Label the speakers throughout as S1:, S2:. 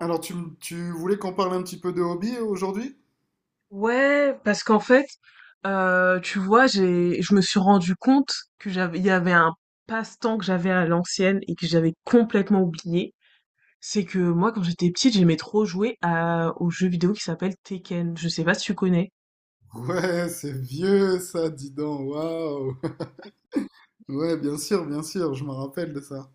S1: Alors, tu voulais qu'on parle un petit peu de hobby aujourd'hui?
S2: Ouais, parce qu'en fait, tu vois, je me suis rendu compte que il y avait un passe-temps que j'avais à l'ancienne et que j'avais complètement oublié. C'est que moi, quand j'étais petite, j'aimais trop jouer au jeu vidéo qui s'appelle Tekken. Je sais pas si tu connais.
S1: Ouais, c'est vieux ça, dis donc, waouh! Ouais, bien sûr, je me rappelle de ça.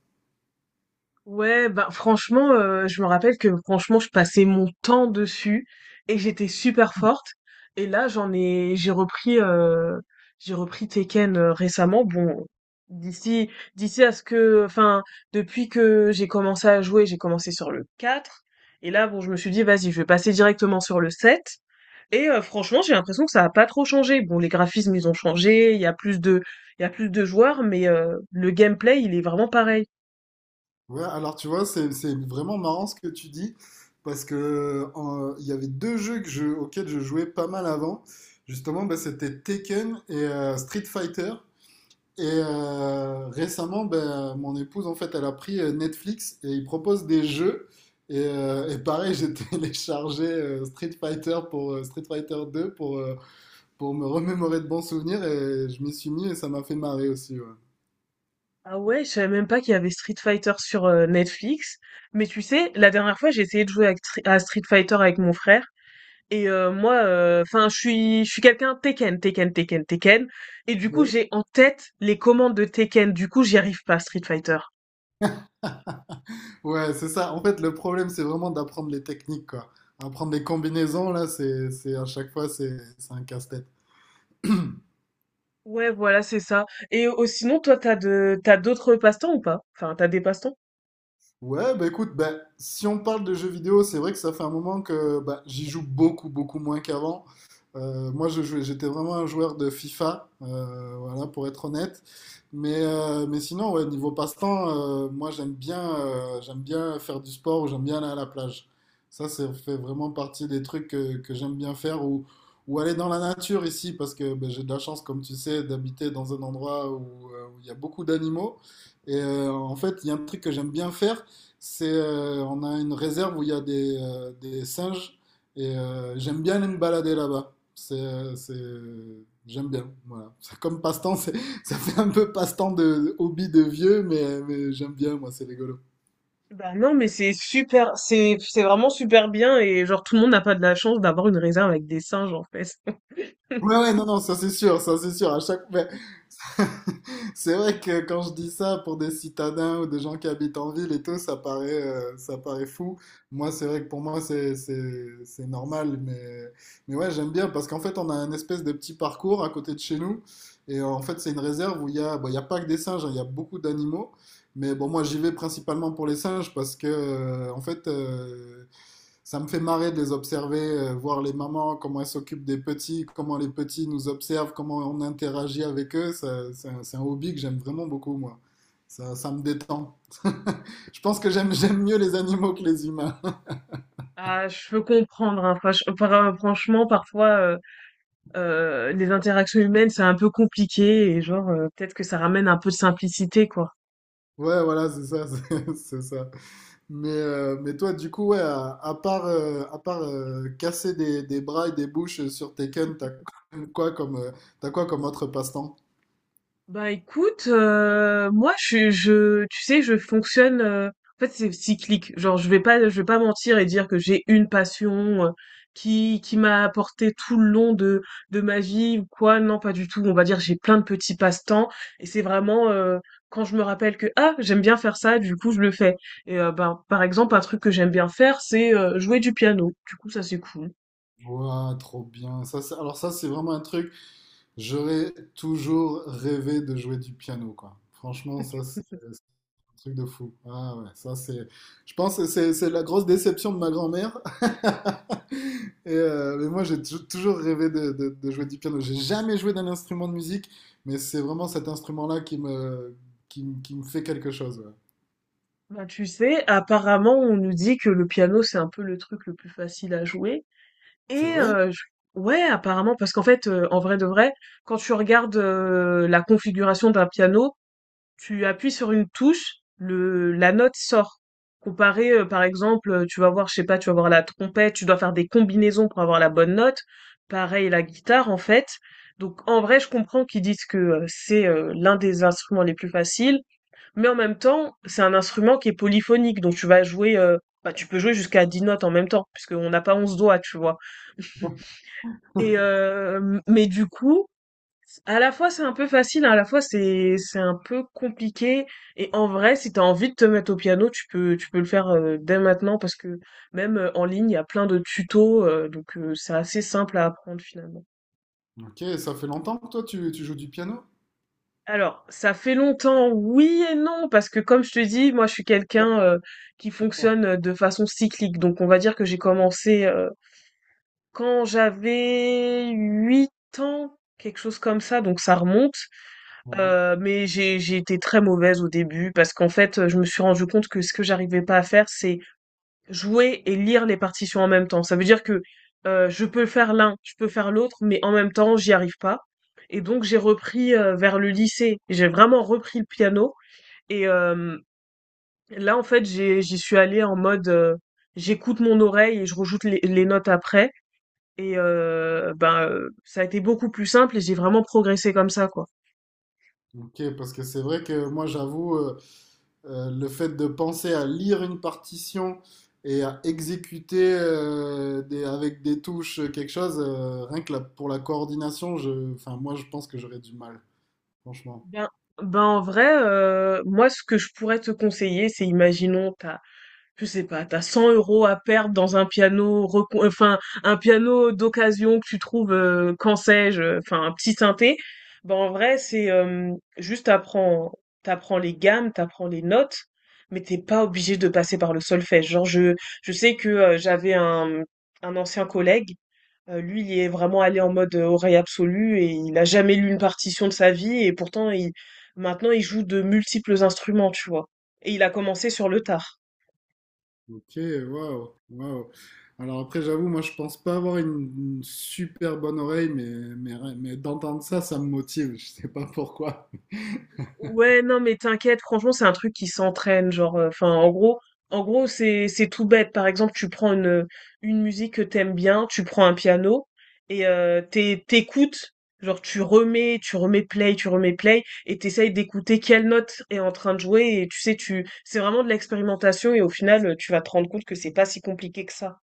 S2: Ouais, bah franchement, je me rappelle que franchement, je passais mon temps dessus et j'étais super forte. Et là, j'ai repris Tekken récemment. Bon, d'ici, d'ici à ce que, enfin, depuis que j'ai commencé à jouer, j'ai commencé sur le 4. Et là, bon, je me suis dit, vas-y, je vais passer directement sur le 7. Et franchement, j'ai l'impression que ça a pas trop changé. Bon, les graphismes, ils ont changé, il y a plus de joueurs, mais le gameplay, il est vraiment pareil.
S1: Ouais, alors tu vois, c'est vraiment marrant ce que tu dis, parce que il y avait deux jeux auxquels je jouais pas mal avant. Justement, bah, c'était Tekken et Street Fighter. Et récemment, ben, mon épouse, en fait, elle a pris Netflix et ils proposent des jeux. Et pareil, j'ai téléchargé Street Fighter pour Street Fighter 2 pour me remémorer de bons souvenirs et je m'y suis mis et ça m'a fait marrer aussi. Ouais,
S2: Ah ouais, je savais même pas qu'il y avait Street Fighter sur Netflix. Mais tu sais, la dernière fois, j'ai essayé de jouer à Street Fighter avec mon frère. Et moi, enfin, je suis quelqu'un Tekken, Tekken, Tekken, Tekken. Et du coup,
S1: ouais,
S2: j'ai en tête les commandes de Tekken. Du coup, j'y arrive pas à Street Fighter.
S1: ouais, c'est ça. En fait, le problème, c'est vraiment d'apprendre les techniques, quoi. Apprendre des combinaisons, là, c'est à chaque fois, c'est un casse-tête.
S2: Ouais, voilà, c'est ça. Et sinon, toi, t'as d'autres passe-temps ou pas? Enfin, t'as des passe-temps?
S1: Ouais, bah écoute, bah, si on parle de jeux vidéo, c'est vrai que ça fait un moment que bah, j'y joue beaucoup, beaucoup moins qu'avant. Moi, j'étais vraiment un joueur de FIFA, voilà, pour être honnête. Mais sinon, ouais, niveau passe-temps, moi, j'aime bien faire du sport ou j'aime bien aller à la plage. Ça fait vraiment partie des trucs que j'aime bien faire ou aller dans la nature ici, parce que bah, j'ai de la chance, comme tu sais, d'habiter dans un endroit où où il y a beaucoup d'animaux. Et en fait, il y a un truc que j'aime bien faire, on a une réserve où il y a des singes et j'aime bien aller me balader là-bas. J'aime bien. Voilà. C'est comme passe-temps, ça fait un peu passe-temps de hobby de vieux, mais j'aime bien, moi, c'est rigolo.
S2: Bah non, mais c'est super, c'est vraiment super bien et genre tout le monde n'a pas de la chance d'avoir une réserve avec des singes en fait.
S1: Ouais, ouais, non, non, ça c'est sûr, ça c'est sûr. C'est vrai que quand je dis ça pour des citadins ou des gens qui habitent en ville et tout, ça paraît fou. Moi, c'est vrai que pour moi, c'est normal. Mais ouais, j'aime bien parce qu'en fait, on a un espèce de petit parcours à côté de chez nous. Et en fait, c'est une réserve où il y a, bon, il y a pas que des singes, hein, il y a beaucoup d'animaux. Mais bon, moi, j'y vais principalement pour les singes parce que, en fait, ça me fait marrer de les observer, voir les mamans, comment elles s'occupent des petits, comment les petits nous observent, comment on interagit avec eux. C'est c'est un hobby que j'aime vraiment beaucoup, moi. Ça me détend. Je pense que j'aime mieux les animaux que les humains.
S2: Ah, je peux comprendre, hein. Franchement, parfois, les interactions humaines, c'est un peu compliqué et genre, peut-être que ça ramène un peu de simplicité, quoi.
S1: Ouais, voilà, c'est ça, c'est ça. Mais toi, du coup, ouais, à part, casser des bras et des bouches sur Tekken, quoi comme, euh, t'as quoi comme autre passe-temps?
S2: Bah écoute, moi tu sais, je fonctionne. En fait, c'est cyclique. Genre, je vais pas mentir et dire que j'ai une passion qui m'a apporté tout le long de ma vie ou quoi. Non, pas du tout. On va dire j'ai plein de petits passe-temps et c'est vraiment quand je me rappelle que ah j'aime bien faire ça, du coup je le fais. Et ben par exemple un truc que j'aime bien faire, c'est jouer du piano. Du coup ça c'est cool.
S1: Ouah, trop bien. Alors ça, c'est vraiment un truc. J'aurais toujours rêvé de jouer du piano, quoi. Franchement, ça, c'est... Truc de fou. Ah ouais, ça c'est. Je pense que c'est la grosse déception de ma grand-mère. Et, mais moi toujours rêvé de jouer du piano. J'ai jamais joué d'un instrument de musique, mais c'est vraiment cet instrument-là qui me fait quelque chose. Ouais.
S2: Bah, tu sais, apparemment on nous dit que le piano c'est un peu le truc le plus facile à jouer.
S1: C'est
S2: Et
S1: vrai?
S2: je ouais, apparemment, parce qu'en fait, en vrai de vrai, quand tu regardes, la configuration d'un piano, tu appuies sur une touche, le la note sort. Comparé, par exemple, tu vas voir, je sais pas, tu vas voir la trompette, tu dois faire des combinaisons pour avoir la bonne note. Pareil, la guitare, en fait. Donc en vrai, je comprends qu'ils disent que, c'est, l'un des instruments les plus faciles, mais en même temps, c'est un instrument qui est polyphonique, donc tu vas jouer, bah, tu peux jouer jusqu'à 10 notes en même temps, puisqu'on n'a pas 11 doigts, tu vois? Et mais du coup, à la fois c'est un peu facile, hein, à la fois c'est un peu compliqué. Et en vrai, si t'as envie de te mettre au piano, tu peux le faire dès maintenant parce que même en ligne, il y a plein de tutos, donc c'est assez simple à apprendre finalement.
S1: Ok, ça fait longtemps que toi tu joues du piano?
S2: Alors, ça fait longtemps, oui et non, parce que comme je te dis, moi je suis quelqu'un qui fonctionne de façon cyclique. Donc on va dire que j'ai commencé quand j'avais 8 ans, quelque chose comme ça, donc ça remonte.
S1: Ouais.
S2: Mais j'ai été très mauvaise au début parce qu'en fait, je me suis rendu compte que ce que j'arrivais pas à faire, c'est jouer et lire les partitions en même temps. Ça veut dire que je peux faire l'un, je peux faire l'autre, mais en même temps, j'y arrive pas. Et donc, j'ai repris vers le lycée. J'ai vraiment repris le piano. Et là, en fait, j'y suis allée en mode j'écoute mon oreille et je rejoute les notes après. Et ben, ça a été beaucoup plus simple et j'ai vraiment progressé comme ça, quoi.
S1: Ok, parce que c'est vrai que moi j'avoue. Le fait de penser à lire une partition et à exécuter avec des touches quelque chose, rien que la- pour la coordination, enfin, moi je pense que j'aurais du mal, franchement.
S2: Ben, ben en vrai, moi ce que je pourrais te conseiller, c'est imaginons je sais pas, t'as 100 euros à perdre dans un piano, enfin un piano d'occasion que tu trouves, quand sais-je, enfin un petit synthé. Ben en vrai, c'est juste t'apprends les gammes, t'apprends les notes, mais t'es pas obligé de passer par le solfège. Je sais que un ancien collègue lui, il est vraiment allé en mode oreille absolue et il a jamais lu une partition de sa vie et pourtant, maintenant, il joue de multiples instruments, tu vois. Et il a commencé sur le tard.
S1: Ok, waouh, waouh. Alors après, j'avoue, moi je pense pas avoir une super bonne oreille, mais d'entendre ça, ça me motive, je sais pas pourquoi.
S2: Ouais, non, mais t'inquiète, franchement, c'est un truc qui s'entraîne, genre, enfin, en gros, c'est tout bête. Par exemple, tu prends une musique que t'aimes bien, tu prends un piano et t'écoutes, genre, tu remets play, et t'essayes d'écouter quelle note est en train de jouer. Et c'est vraiment de l'expérimentation, et au final, tu vas te rendre compte que c'est pas si compliqué que ça.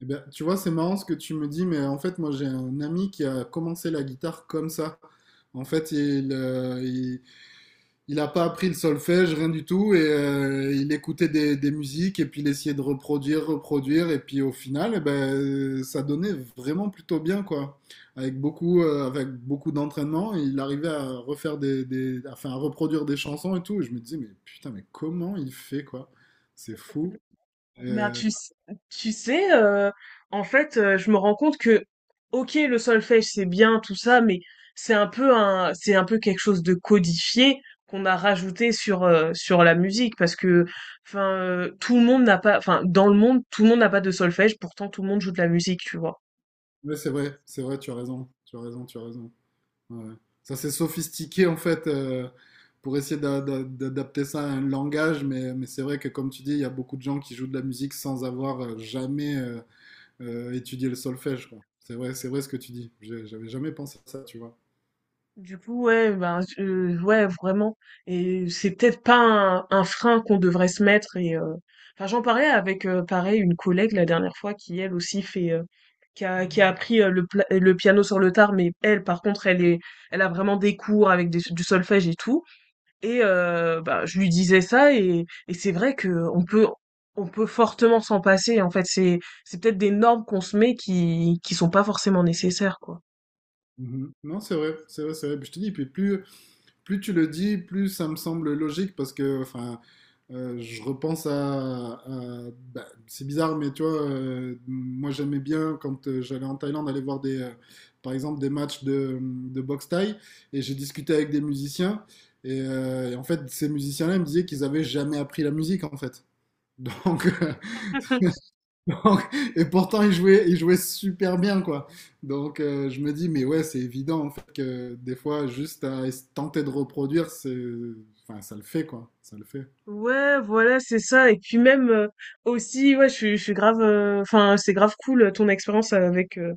S1: Eh ben, tu vois, c'est marrant ce que tu me dis, mais en fait, moi j'ai un ami qui a commencé la guitare comme ça. En fait, il n'a pas appris le solfège, rien du tout, et il écoutait des musiques, et puis il essayait de reproduire, et puis au final, eh ben, ça donnait vraiment plutôt bien, quoi. Avec beaucoup d'entraînement, il arrivait à enfin, à reproduire des chansons et tout, et je me disais, mais putain, mais comment il fait, quoi? C'est fou.
S2: Ben,
S1: Euh,
S2: tu, s- Tu sais, en fait, je me rends compte que, ok, le solfège, c'est bien, tout ça, mais c'est un peu quelque chose de codifié qu'on a rajouté sur la musique, parce que, enfin, tout le monde n'a pas, enfin, dans le monde, tout le monde n'a pas de solfège, pourtant tout le monde joue de la musique, tu vois.
S1: ouais, c'est vrai, tu as raison, tu as raison, tu as raison. Ouais. Ça, c'est sophistiqué en fait pour essayer d'adapter ça à un langage, mais c'est vrai que comme tu dis, il y a beaucoup de gens qui jouent de la musique sans avoir jamais étudié le solfège, quoi. C'est vrai ce que tu dis. J'avais jamais pensé à ça, tu vois.
S2: Du coup, ouais, ben, ouais, vraiment et c'est peut-être pas un frein qu'on devrait se mettre et enfin, j'en parlais avec, pareil, une collègue la dernière fois qui, elle aussi, fait, qui a appris, le piano sur le tard mais elle, par contre, elle a vraiment des cours avec des du solfège et tout et bah, je lui disais ça et c'est vrai que on peut on peut fortement s'en passer en fait. C'est peut-être des normes qu'on se met qui sont pas forcément nécessaires, quoi.
S1: Mhm. Non, c'est vrai, c'est vrai, c'est vrai. Puis je te dis, puis plus, plus tu le dis, plus ça me semble logique parce que, enfin, je repense bah, c'est bizarre, mais tu vois, moi j'aimais bien quand j'allais en Thaïlande aller voir par exemple, des matchs de boxe thaï et j'ai discuté avec des musiciens. Et en fait, ces musiciens-là ils me disaient qu'ils avaient jamais appris la musique en fait. Donc, donc, et pourtant, il jouait super bien, quoi. Donc, je me dis, mais ouais, c'est évident, en fait, que des fois, juste tenter de reproduire, c'est, enfin, ça le fait, quoi. Ça le fait.
S2: Ouais, voilà, c'est ça et puis même, aussi, ouais, je suis grave, enfin, c'est grave cool, ton expérience avec,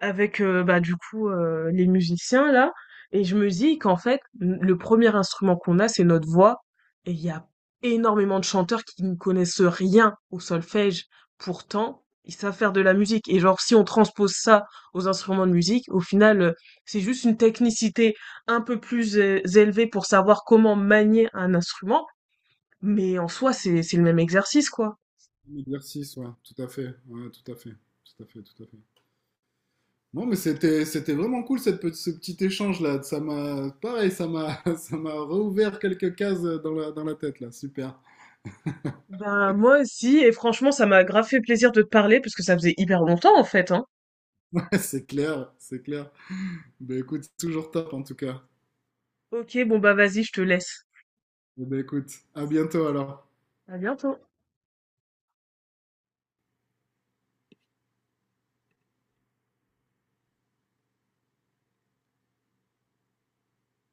S2: avec bah du coup les musiciens là et je me dis qu'en fait le premier instrument qu'on a c'est notre voix et il y a énormément de chanteurs qui ne connaissent rien au solfège pourtant ils savent faire de la musique et genre si on transpose ça aux instruments de musique au final c'est juste une technicité un peu plus élevée pour savoir comment manier un instrument mais en soi c'est le même exercice quoi.
S1: Un exercice, ouais, tout à fait, ouais, tout à fait, tout à fait, tout à fait. Non, mais c'était vraiment cool, ce petit échange-là. Ça m'a, pareil, ça m'a, ça m'a rouvert quelques cases dans dans la tête, là. Super.
S2: Ben moi aussi et franchement ça m'a grave fait plaisir de te parler parce que ça faisait hyper longtemps en fait hein.
S1: Ouais, c'est clair, c'est clair. Ben, écoute, toujours top, en tout cas.
S2: Ok, bon bah vas-y, je te laisse.
S1: Eh ben, écoute, à bientôt, alors.
S2: À bientôt.